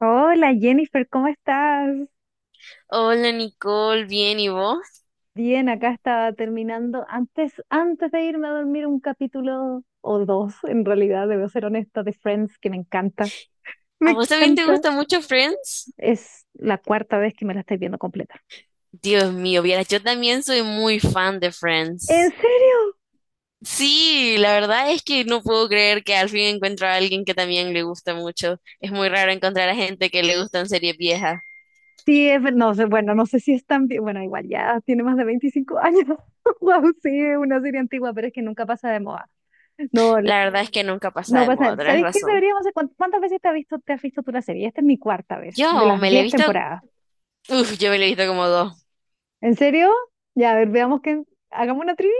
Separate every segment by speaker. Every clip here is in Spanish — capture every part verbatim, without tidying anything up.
Speaker 1: Hola Jennifer, ¿cómo estás?
Speaker 2: Hola Nicole, bien, ¿y vos?
Speaker 1: Bien, acá estaba terminando antes, antes de irme a dormir un capítulo o dos, en realidad, debo ser honesta, de Friends, que me encanta. Me
Speaker 2: ¿A vos también te
Speaker 1: encanta.
Speaker 2: gusta mucho Friends?
Speaker 1: Es la cuarta vez que me la estoy viendo completa.
Speaker 2: Dios mío, vieras, yo también soy muy fan de
Speaker 1: ¿En
Speaker 2: Friends.
Speaker 1: serio?
Speaker 2: Sí, la verdad es que no puedo creer que al fin encuentro a alguien que también le gusta mucho. Es muy raro encontrar a gente que le gustan series viejas.
Speaker 1: Sí, es, ver- no sé, bueno, no sé si es tan, vie- bueno, igual ya tiene más de veinticinco años. Wow, sí, es una serie antigua, pero es que nunca pasa de moda. No, l-
Speaker 2: La verdad es que nunca pasa
Speaker 1: no
Speaker 2: de moda,
Speaker 1: pasa.
Speaker 2: tenés
Speaker 1: ¿Sabéis qué
Speaker 2: razón.
Speaker 1: deberíamos hacer? ¿Cuán- ¿Cuántas veces te has visto, te has visto tú la serie? Esta es mi cuarta vez, de
Speaker 2: Yo
Speaker 1: las
Speaker 2: me la he
Speaker 1: diez
Speaker 2: visto,
Speaker 1: temporadas.
Speaker 2: uf, yo me la he visto como dos.
Speaker 1: ¿En serio? Ya, a ver, veamos quién. Hagamos una trivia,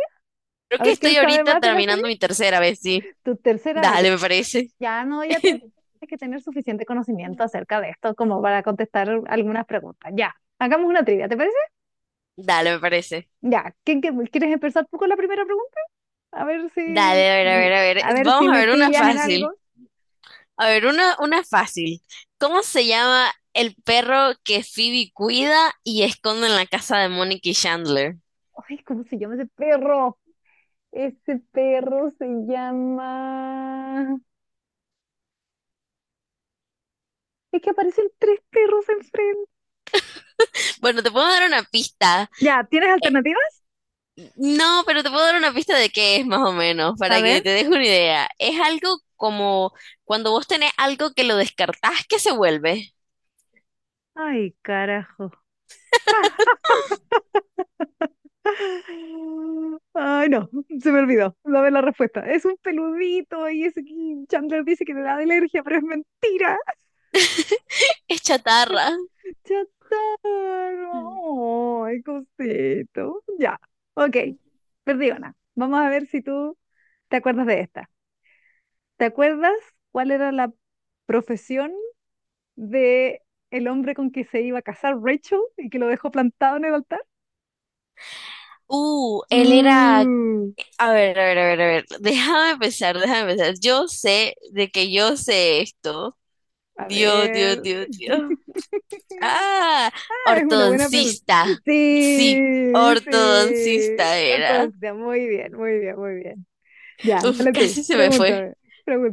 Speaker 2: Creo
Speaker 1: a
Speaker 2: que
Speaker 1: ver quién
Speaker 2: estoy
Speaker 1: sabe
Speaker 2: ahorita
Speaker 1: más de la serie.
Speaker 2: terminando mi tercera vez, sí.
Speaker 1: Tu tercera vez. Ya,
Speaker 2: Dale, me parece.
Speaker 1: ya no, ya tienes que tener suficiente conocimiento acerca de esto como para contestar algunas preguntas. Ya, hagamos una trivia, ¿te parece?
Speaker 2: Dale, me parece.
Speaker 1: Ya, ¿quién, qué- quieres empezar tú con la primera pregunta? A ver si,
Speaker 2: Dale, a ver, a ver, a
Speaker 1: a
Speaker 2: ver.
Speaker 1: ver si
Speaker 2: Vamos a
Speaker 1: me
Speaker 2: ver una
Speaker 1: pillas en algo.
Speaker 2: fácil. A ver, una, una fácil. ¿Cómo se llama el perro que Phoebe cuida y esconde en la casa de Mónica y Chandler?
Speaker 1: Ay, ¿cómo se llama ese perro? Ese perro se llama... Es que aparecen tres perros enfrente.
Speaker 2: Bueno, te puedo dar una pista.
Speaker 1: Ya, ¿tienes
Speaker 2: Eh,
Speaker 1: alternativas?
Speaker 2: no, pero te puedo dar una pista de qué es más o menos,
Speaker 1: A
Speaker 2: para que
Speaker 1: ver.
Speaker 2: te deje una idea. Es algo como cuando vos tenés algo que lo descartás, ¿que se vuelve?
Speaker 1: Ay, carajo. Ay, no, se me olvidó. Dame la respuesta. Es un peludito y ese que Chandler dice que le da alergia, pero es mentira.
Speaker 2: Es chatarra.
Speaker 1: Chatarro. Ay, cosito. Ya. Ok. Perdí una. Vamos a ver si tú te acuerdas de esta. ¿Te acuerdas cuál era la profesión de el hombre con que se iba a casar Rachel y que lo dejó plantado en el altar?
Speaker 2: Uh, él era...
Speaker 1: Uh,
Speaker 2: A ver, a ver, a ver, a ver. Déjame pensar, déjame pensar. Yo sé de que yo sé esto.
Speaker 1: a
Speaker 2: Dios, Dios,
Speaker 1: ver.
Speaker 2: Dios, Dios. Ah,
Speaker 1: Es una buena pregunta.
Speaker 2: ortodoncista. Sí,
Speaker 1: Sí, sí.
Speaker 2: ortodoncista era.
Speaker 1: Entonces, muy bien, muy bien, muy bien. Ya,
Speaker 2: Uf,
Speaker 1: dale tú.
Speaker 2: casi se me fue.
Speaker 1: Pregúntame,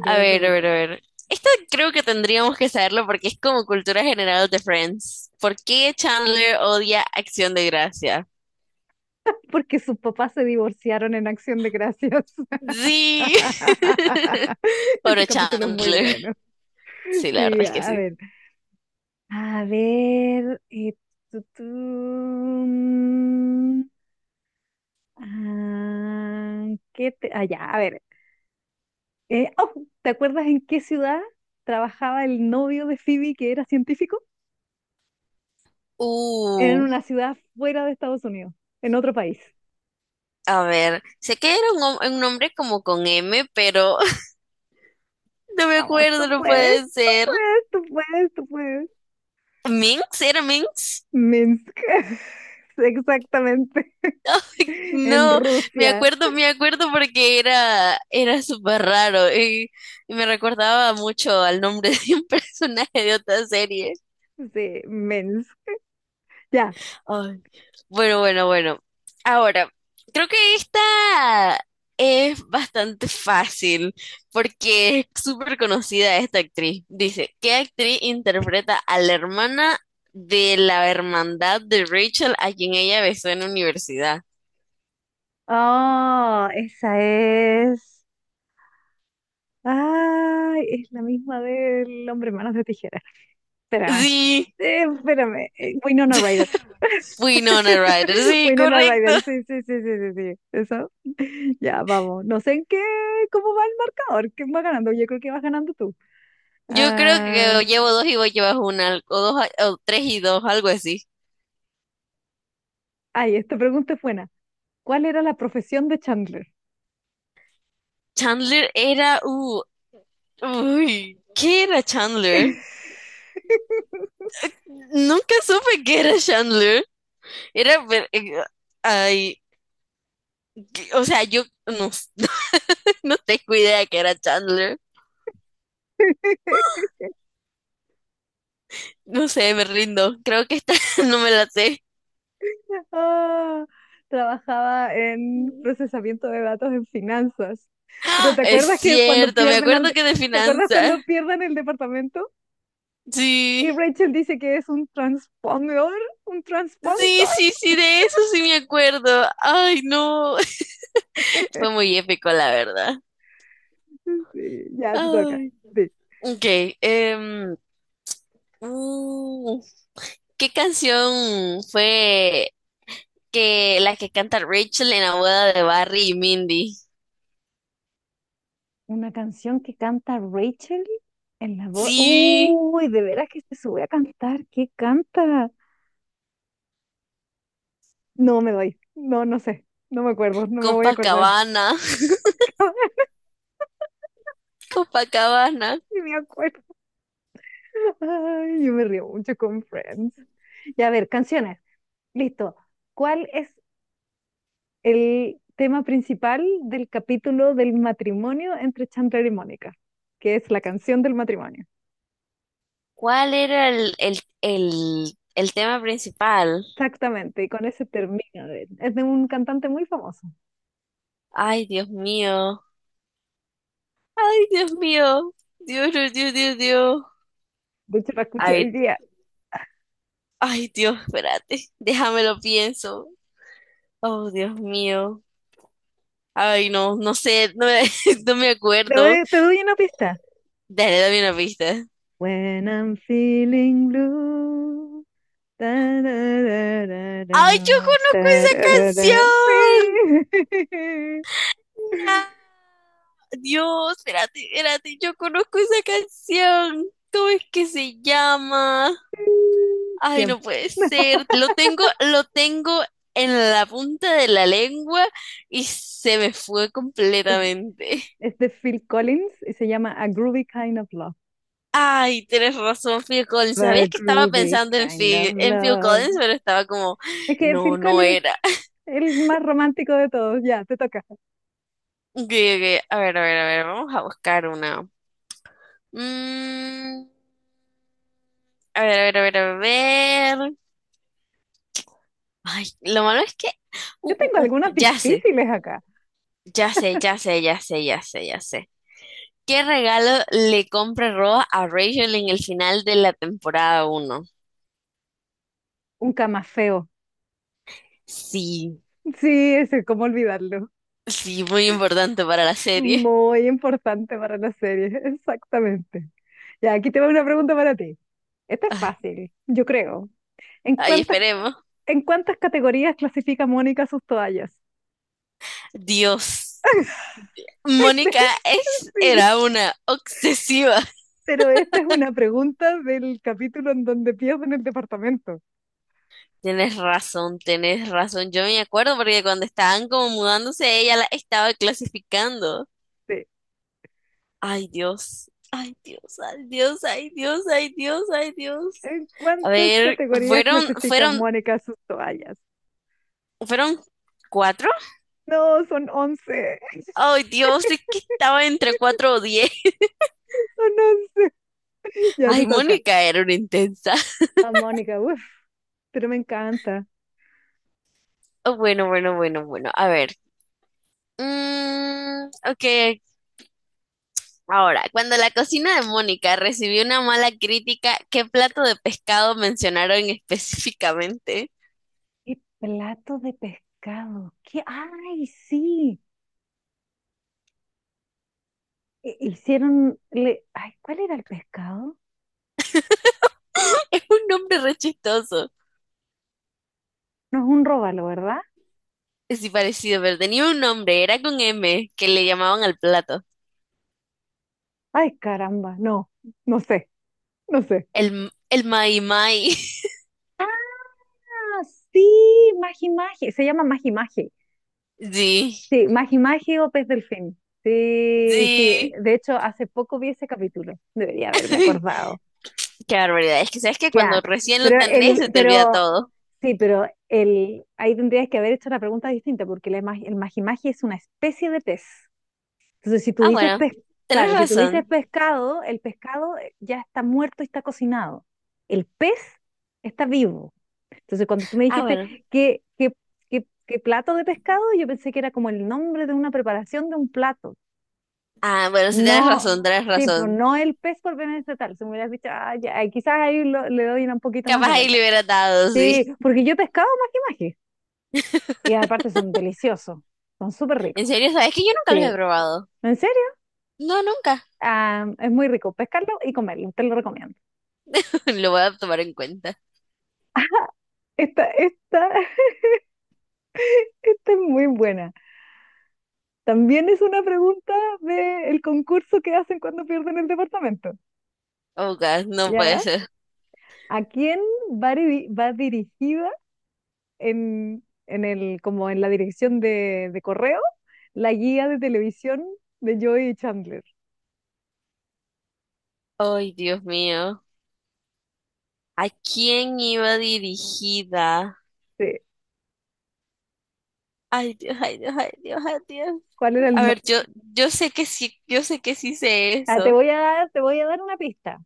Speaker 2: A ver, a ver,
Speaker 1: pregúntame.
Speaker 2: a ver. Esto creo que tendríamos que saberlo porque es como cultura general de Friends. ¿Por qué Chandler odia Acción de Gracia?
Speaker 1: Porque sus papás se divorciaron en Acción de Gracias.
Speaker 2: Sí.
Speaker 1: Ese
Speaker 2: Pobre
Speaker 1: capítulo es muy
Speaker 2: Chandler.
Speaker 1: bueno.
Speaker 2: Sí, la verdad
Speaker 1: Sí,
Speaker 2: es que
Speaker 1: a
Speaker 2: sí.
Speaker 1: ver. A ver. eh, tu, tu, mm, ah, ¿qué te... Ah, ya, a ver. Eh, oh, ¿te acuerdas en qué ciudad trabajaba el novio de Phoebe que era científico? Era en
Speaker 2: Uh,
Speaker 1: una ciudad fuera de Estados Unidos, en otro país.
Speaker 2: a ver. Sé que era un, hom- un nombre como con M, pero no me
Speaker 1: Vamos, tú
Speaker 2: acuerdo, no
Speaker 1: puedes,
Speaker 2: puede ser.
Speaker 1: tú puedes, tú puedes.
Speaker 2: ¿Minx? ¿Era Minx?
Speaker 1: Minsk. Exactamente. En
Speaker 2: No, me
Speaker 1: Rusia.
Speaker 2: acuerdo, me acuerdo porque era, era súper raro y, y me recordaba mucho al nombre de un personaje de otra serie.
Speaker 1: Sí, Minsk. Ya.
Speaker 2: Ay, bueno, bueno, bueno. Ahora, creo que esta es bastante fácil porque es súper conocida esta actriz. Dice, ¿qué actriz interpreta a la hermana de la hermandad de Rachel a quien ella besó en la universidad?
Speaker 1: Oh, esa es. Ay, es la misma del hombre manos de tijera. Espérame.
Speaker 2: Sí.
Speaker 1: Eh, espérame, eh, Winona Ryder.
Speaker 2: Winona Ryder, sí,
Speaker 1: Winona
Speaker 2: correcto.
Speaker 1: Ryder, sí, sí, sí, sí, sí, sí. Eso. Ya, vamos. No sé en qué, cómo va el marcador, quién va ganando. Yo creo que vas ganando tú.
Speaker 2: Yo creo
Speaker 1: Ah,
Speaker 2: que llevo dos y vos llevas una, o dos, o tres y dos, algo así.
Speaker 1: ay, esta pregunta es buena. ¿Cuál era la profesión de Chandler?
Speaker 2: Chandler era, uh, uy, ¿qué era Chandler? Nunca supe qué era Chandler. Era, pero, eh, ay, que- o sea, yo no, no tengo idea qué era Chandler. No sé, me rindo. Creo que esta no me la sé.
Speaker 1: Ah, trabajaba en procesamiento de datos en finanzas. Pero
Speaker 2: ¡Ah!
Speaker 1: ¿te
Speaker 2: Es
Speaker 1: acuerdas que cuando
Speaker 2: cierto, me
Speaker 1: pierden al
Speaker 2: acuerdo
Speaker 1: de-
Speaker 2: que de
Speaker 1: ¿te acuerdas
Speaker 2: finanzas.
Speaker 1: cuando pierden el departamento? Y
Speaker 2: Sí.
Speaker 1: Rachel dice que es un transpondedor, un
Speaker 2: Sí,
Speaker 1: transponstar.
Speaker 2: sí, sí, de eso sí me acuerdo. Ay, no. Fue muy épico, la verdad.
Speaker 1: Sí, ya te toca.
Speaker 2: Ay.
Speaker 1: Sí.
Speaker 2: Ok. em, uh, ¿qué canción fue que la que canta Rachel en la boda de Barry y Mindy?
Speaker 1: Una canción que canta Rachel en la voz.
Speaker 2: Sí,
Speaker 1: Uy, de veras que se sube a cantar. ¿Qué canta? No me doy. No, no sé. No me acuerdo. No me voy a acordar.
Speaker 2: Copacabana. Copacabana.
Speaker 1: Ni me acuerdo. Ay, yo me río mucho con Friends. Ya a ver, canciones. Listo. ¿Cuál es el tema principal del capítulo del matrimonio entre Chandler y Mónica, que es la canción del matrimonio?
Speaker 2: ¿Cuál era el, el, el, el tema principal?
Speaker 1: Exactamente, y con ese termina. de- Es de un cantante muy famoso.
Speaker 2: Ay, Dios mío. Ay, Dios mío. Dios, Dios, Dios, Dios, Dios.
Speaker 1: De hecho, la escuché hoy día.
Speaker 2: Ay, Dios, espérate, déjame lo pienso. Oh, Dios mío. Ay, no, no sé, no me, no me
Speaker 1: Te
Speaker 2: acuerdo.
Speaker 1: doy, te doy una pista.
Speaker 2: Dale, dame una pista.
Speaker 1: When I'm feeling blue. Ta, ra, ra, ra,
Speaker 2: Ay, yo
Speaker 1: ra,
Speaker 2: conozco
Speaker 1: ta,
Speaker 2: esa
Speaker 1: ra, ra.
Speaker 2: canción.
Speaker 1: Sí.
Speaker 2: No. Dios, espérate, espérate, yo conozco esa canción. ¿Cómo es que se llama? Ay,
Speaker 1: Tiempo.
Speaker 2: no puede ser. Lo tengo, lo tengo en la punta de la lengua y se me fue completamente.
Speaker 1: Es de Phil Collins y se llama A Groovy Kind of Love.
Speaker 2: Ay, tienes razón, Phil Collins.
Speaker 1: A
Speaker 2: Sabías que estaba
Speaker 1: Groovy
Speaker 2: pensando en
Speaker 1: Kind of
Speaker 2: Phil, en Phil
Speaker 1: Love.
Speaker 2: Collins, pero estaba como,
Speaker 1: Es que
Speaker 2: no,
Speaker 1: Phil
Speaker 2: no
Speaker 1: Collins
Speaker 2: era.
Speaker 1: es el más romántico de todos. Ya, te toca.
Speaker 2: Ok, ok, a ver, a ver, a ver, vamos a buscar una. Mm, a ver, a ver, a ver, a ver. Ay, lo malo es que, uh,
Speaker 1: Yo tengo
Speaker 2: uh, uh,
Speaker 1: algunas
Speaker 2: ya sé,
Speaker 1: difíciles acá.
Speaker 2: ya sé, ya sé, ya sé, ya sé, ya sé. ¿Qué regalo le compra Ross a Rachel en el final de la temporada uno?
Speaker 1: Un camafeo.
Speaker 2: Sí,
Speaker 1: Sí, ese, cómo olvidarlo.
Speaker 2: sí, muy importante para la serie.
Speaker 1: Muy importante para la serie, exactamente. Ya, aquí te va una pregunta para ti. Esta es
Speaker 2: Ay,
Speaker 1: fácil, yo creo. ¿En
Speaker 2: ay,
Speaker 1: cuántas,
Speaker 2: esperemos.
Speaker 1: en cuántas categorías clasifica Mónica sus toallas?
Speaker 2: Dios, Mónica es,
Speaker 1: Sí,
Speaker 2: era una obsesiva.
Speaker 1: pero esta es una pregunta del capítulo en donde pierden el departamento.
Speaker 2: Tienes razón, tienes razón. Yo me acuerdo porque cuando estaban como mudándose, ella la estaba clasificando.
Speaker 1: Sí.
Speaker 2: Ay, Dios, ay, Dios, ay, Dios, ay, Dios, ay, Dios, ay, Dios.
Speaker 1: ¿En
Speaker 2: A
Speaker 1: cuántas
Speaker 2: ver,
Speaker 1: categorías
Speaker 2: fueron,
Speaker 1: clasifica
Speaker 2: fueron,
Speaker 1: Mónica sus toallas?
Speaker 2: fueron cuatro.
Speaker 1: No, son once.
Speaker 2: Ay, Dios, es que estaba entre cuatro o diez.
Speaker 1: Son once. Ya te
Speaker 2: Ay,
Speaker 1: toca.
Speaker 2: Mónica era una intensa.
Speaker 1: Ah, Mónica, uff, pero me encanta.
Speaker 2: Oh, bueno, bueno, bueno, bueno. A ver. Mm, ok, ok. Ahora, cuando la cocina de Mónica recibió una mala crítica, ¿qué plato de pescado mencionaron específicamente?
Speaker 1: Y plato de pescado. ¿Qué? ¡Ay, sí! Hi- Hicieron. Le... Ay, ¿cuál era el pescado?
Speaker 2: Es un nombre re chistoso.
Speaker 1: No es un róbalo, ¿verdad?
Speaker 2: Sí, parecido, pero tenía un nombre, era con M, que le llamaban al plato.
Speaker 1: Ay, caramba, no, no sé, no sé.
Speaker 2: El, el Mai Mai.
Speaker 1: Ah, sí, Magi Magi, se llama Magi Magi.
Speaker 2: Sí,
Speaker 1: Sí, Magi Magi o Pez Delfín. Sí, sí,
Speaker 2: sí.
Speaker 1: de hecho, hace poco vi ese capítulo, debería haberme acordado.
Speaker 2: Qué barbaridad. Es que sabes que cuando
Speaker 1: Ya,
Speaker 2: recién lo
Speaker 1: pero
Speaker 2: tenés se
Speaker 1: el,
Speaker 2: te olvida
Speaker 1: pero
Speaker 2: todo.
Speaker 1: sí, pero el, ahí tendrías que haber hecho una pregunta distinta, porque la ima- el magimagi es una especie de pez. Entonces, si tú
Speaker 2: Ah,
Speaker 1: dices
Speaker 2: bueno,
Speaker 1: pez,
Speaker 2: tenés
Speaker 1: claro, si tú dices
Speaker 2: razón.
Speaker 1: pescado, el pescado eh, ya está muerto y está cocinado. El pez está vivo. Entonces, cuando tú me
Speaker 2: Ah,
Speaker 1: dijiste
Speaker 2: bueno.
Speaker 1: que, qué, qué, qué, plato de pescado, yo pensé que era como el nombre de una preparación de un plato.
Speaker 2: Ah, bueno, sí tenés
Speaker 1: No,
Speaker 2: razón, tenés
Speaker 1: sí, pero
Speaker 2: razón.
Speaker 1: no el pez por bienestar. Si me hubieras dicho, ah, ya, eh, quizás ahí lo- le doy una un poquito más
Speaker 2: Capaz
Speaker 1: de
Speaker 2: ahí
Speaker 1: vuelta.
Speaker 2: le hubiera dado,
Speaker 1: Sí,
Speaker 2: sí.
Speaker 1: porque yo he pescado maje maje. Y aparte son deliciosos. Son súper
Speaker 2: En
Speaker 1: ricos.
Speaker 2: serio, sabes que yo nunca los he
Speaker 1: Sí.
Speaker 2: probado.
Speaker 1: ¿En serio?
Speaker 2: No, nunca.
Speaker 1: Ah, es muy rico pescarlo y comerlo. Te lo recomiendo.
Speaker 2: Lo voy a tomar en cuenta.
Speaker 1: Esta, esta, esta es muy buena. También es una pregunta del concurso que hacen cuando pierden el departamento.
Speaker 2: Oh, God, no puede
Speaker 1: ¿Ya?
Speaker 2: ser.
Speaker 1: ¿A quién va, diri- va dirigida en, en el, como en la dirección de, de correo la guía de televisión de Joey y Chandler?
Speaker 2: Ay, Dios mío. ¿A quién iba dirigida?
Speaker 1: Sí.
Speaker 2: Ay, Dios, ay, Dios, ay, Dios, ay, Dios.
Speaker 1: ¿Cuál era
Speaker 2: A
Speaker 1: el
Speaker 2: ver, yo, yo sé que sí, yo sé que sí sé
Speaker 1: Ah, te
Speaker 2: eso.
Speaker 1: voy a dar, te voy a dar una pista.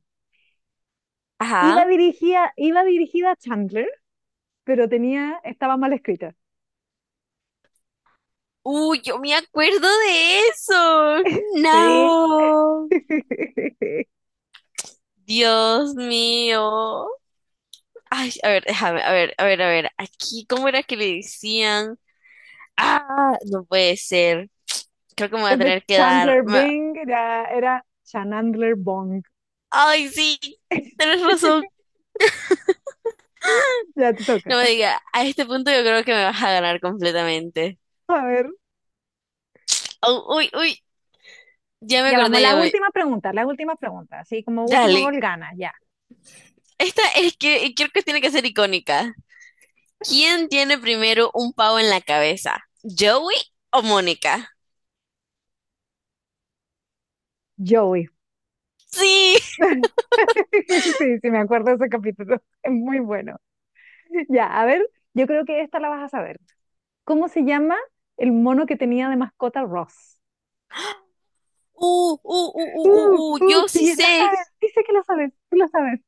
Speaker 1: Iba
Speaker 2: Ajá.
Speaker 1: dirigida, iba dirigida a Chandler, pero tenía, estaba mal escrita.
Speaker 2: Uy, yo me acuerdo de eso.
Speaker 1: Sí.
Speaker 2: No. Dios mío. Ay, a ver, déjame, a ver, a ver, a ver. Aquí, ¿cómo era que le decían? Ah, no puede ser. Creo que me voy a
Speaker 1: Es de
Speaker 2: tener que dar.
Speaker 1: Chandler Bing, era, era Chandler Bong.
Speaker 2: Ay, sí, tienes razón.
Speaker 1: Ya te toca.
Speaker 2: No me diga, a este punto yo creo que me vas a ganar completamente.
Speaker 1: A ver.
Speaker 2: Au, uy, uy, ya me
Speaker 1: Ya vamos,
Speaker 2: acordé,
Speaker 1: las
Speaker 2: ya me...
Speaker 1: últimas preguntas, las últimas preguntas. Así como último
Speaker 2: Dale,
Speaker 1: gol gana, ya.
Speaker 2: esta es que creo que tiene que ser icónica. ¿Quién tiene primero un pavo en la cabeza? ¿Joey o Mónica?
Speaker 1: Joey.
Speaker 2: Sí,
Speaker 1: Sí, sí, me acuerdo de ese capítulo. Es muy bueno. Ya, a ver, yo creo que esta la vas a saber. ¿Cómo se llama el mono que tenía de mascota Ross?
Speaker 2: uh, uh, uh, uh, uh,
Speaker 1: Uh,
Speaker 2: uh,
Speaker 1: uh,
Speaker 2: yo sí
Speaker 1: sí, lo
Speaker 2: sé,
Speaker 1: sabes, dice que lo sabes, tú lo sabes.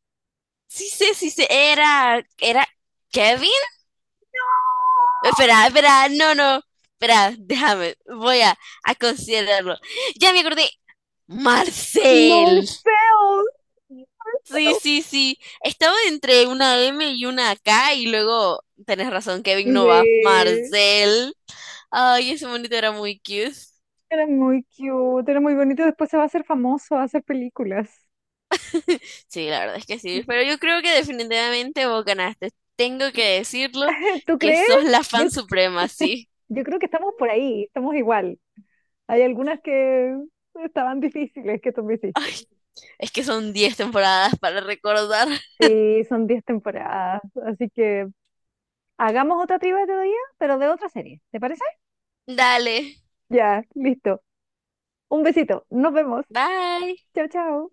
Speaker 2: sí sé, sí sé, era, era Kevin. Espera, espera, no, no, espera, déjame, voy a, a considerarlo. Ya me acordé, Marcel.
Speaker 1: Morfeo.
Speaker 2: Sí,
Speaker 1: Morfeo.
Speaker 2: sí, sí. Estaba entre una M y una K y luego tenés razón,
Speaker 1: Sí,
Speaker 2: Kevin no va. Marcel. Ay, ese monito era muy cute.
Speaker 1: era muy cute, era muy bonito. Después se va a hacer famoso, va a hacer películas.
Speaker 2: Sí, la verdad es que sí. Pero yo creo que definitivamente vos ganaste. Tengo que decirlo
Speaker 1: ¿Tú
Speaker 2: que
Speaker 1: crees?
Speaker 2: sos la
Speaker 1: Yo,
Speaker 2: fan suprema, sí.
Speaker 1: yo creo que estamos por ahí, estamos igual. Hay algunas que estaban difíciles que tú me hiciste.
Speaker 2: Ay, es que son diez temporadas para recordar.
Speaker 1: Sí, son diez temporadas, así que hagamos otra trivia otro día, pero de otra serie, ¿te parece?
Speaker 2: Dale.
Speaker 1: Ya, listo. Un besito, nos vemos.
Speaker 2: Bye.
Speaker 1: Chao, chao.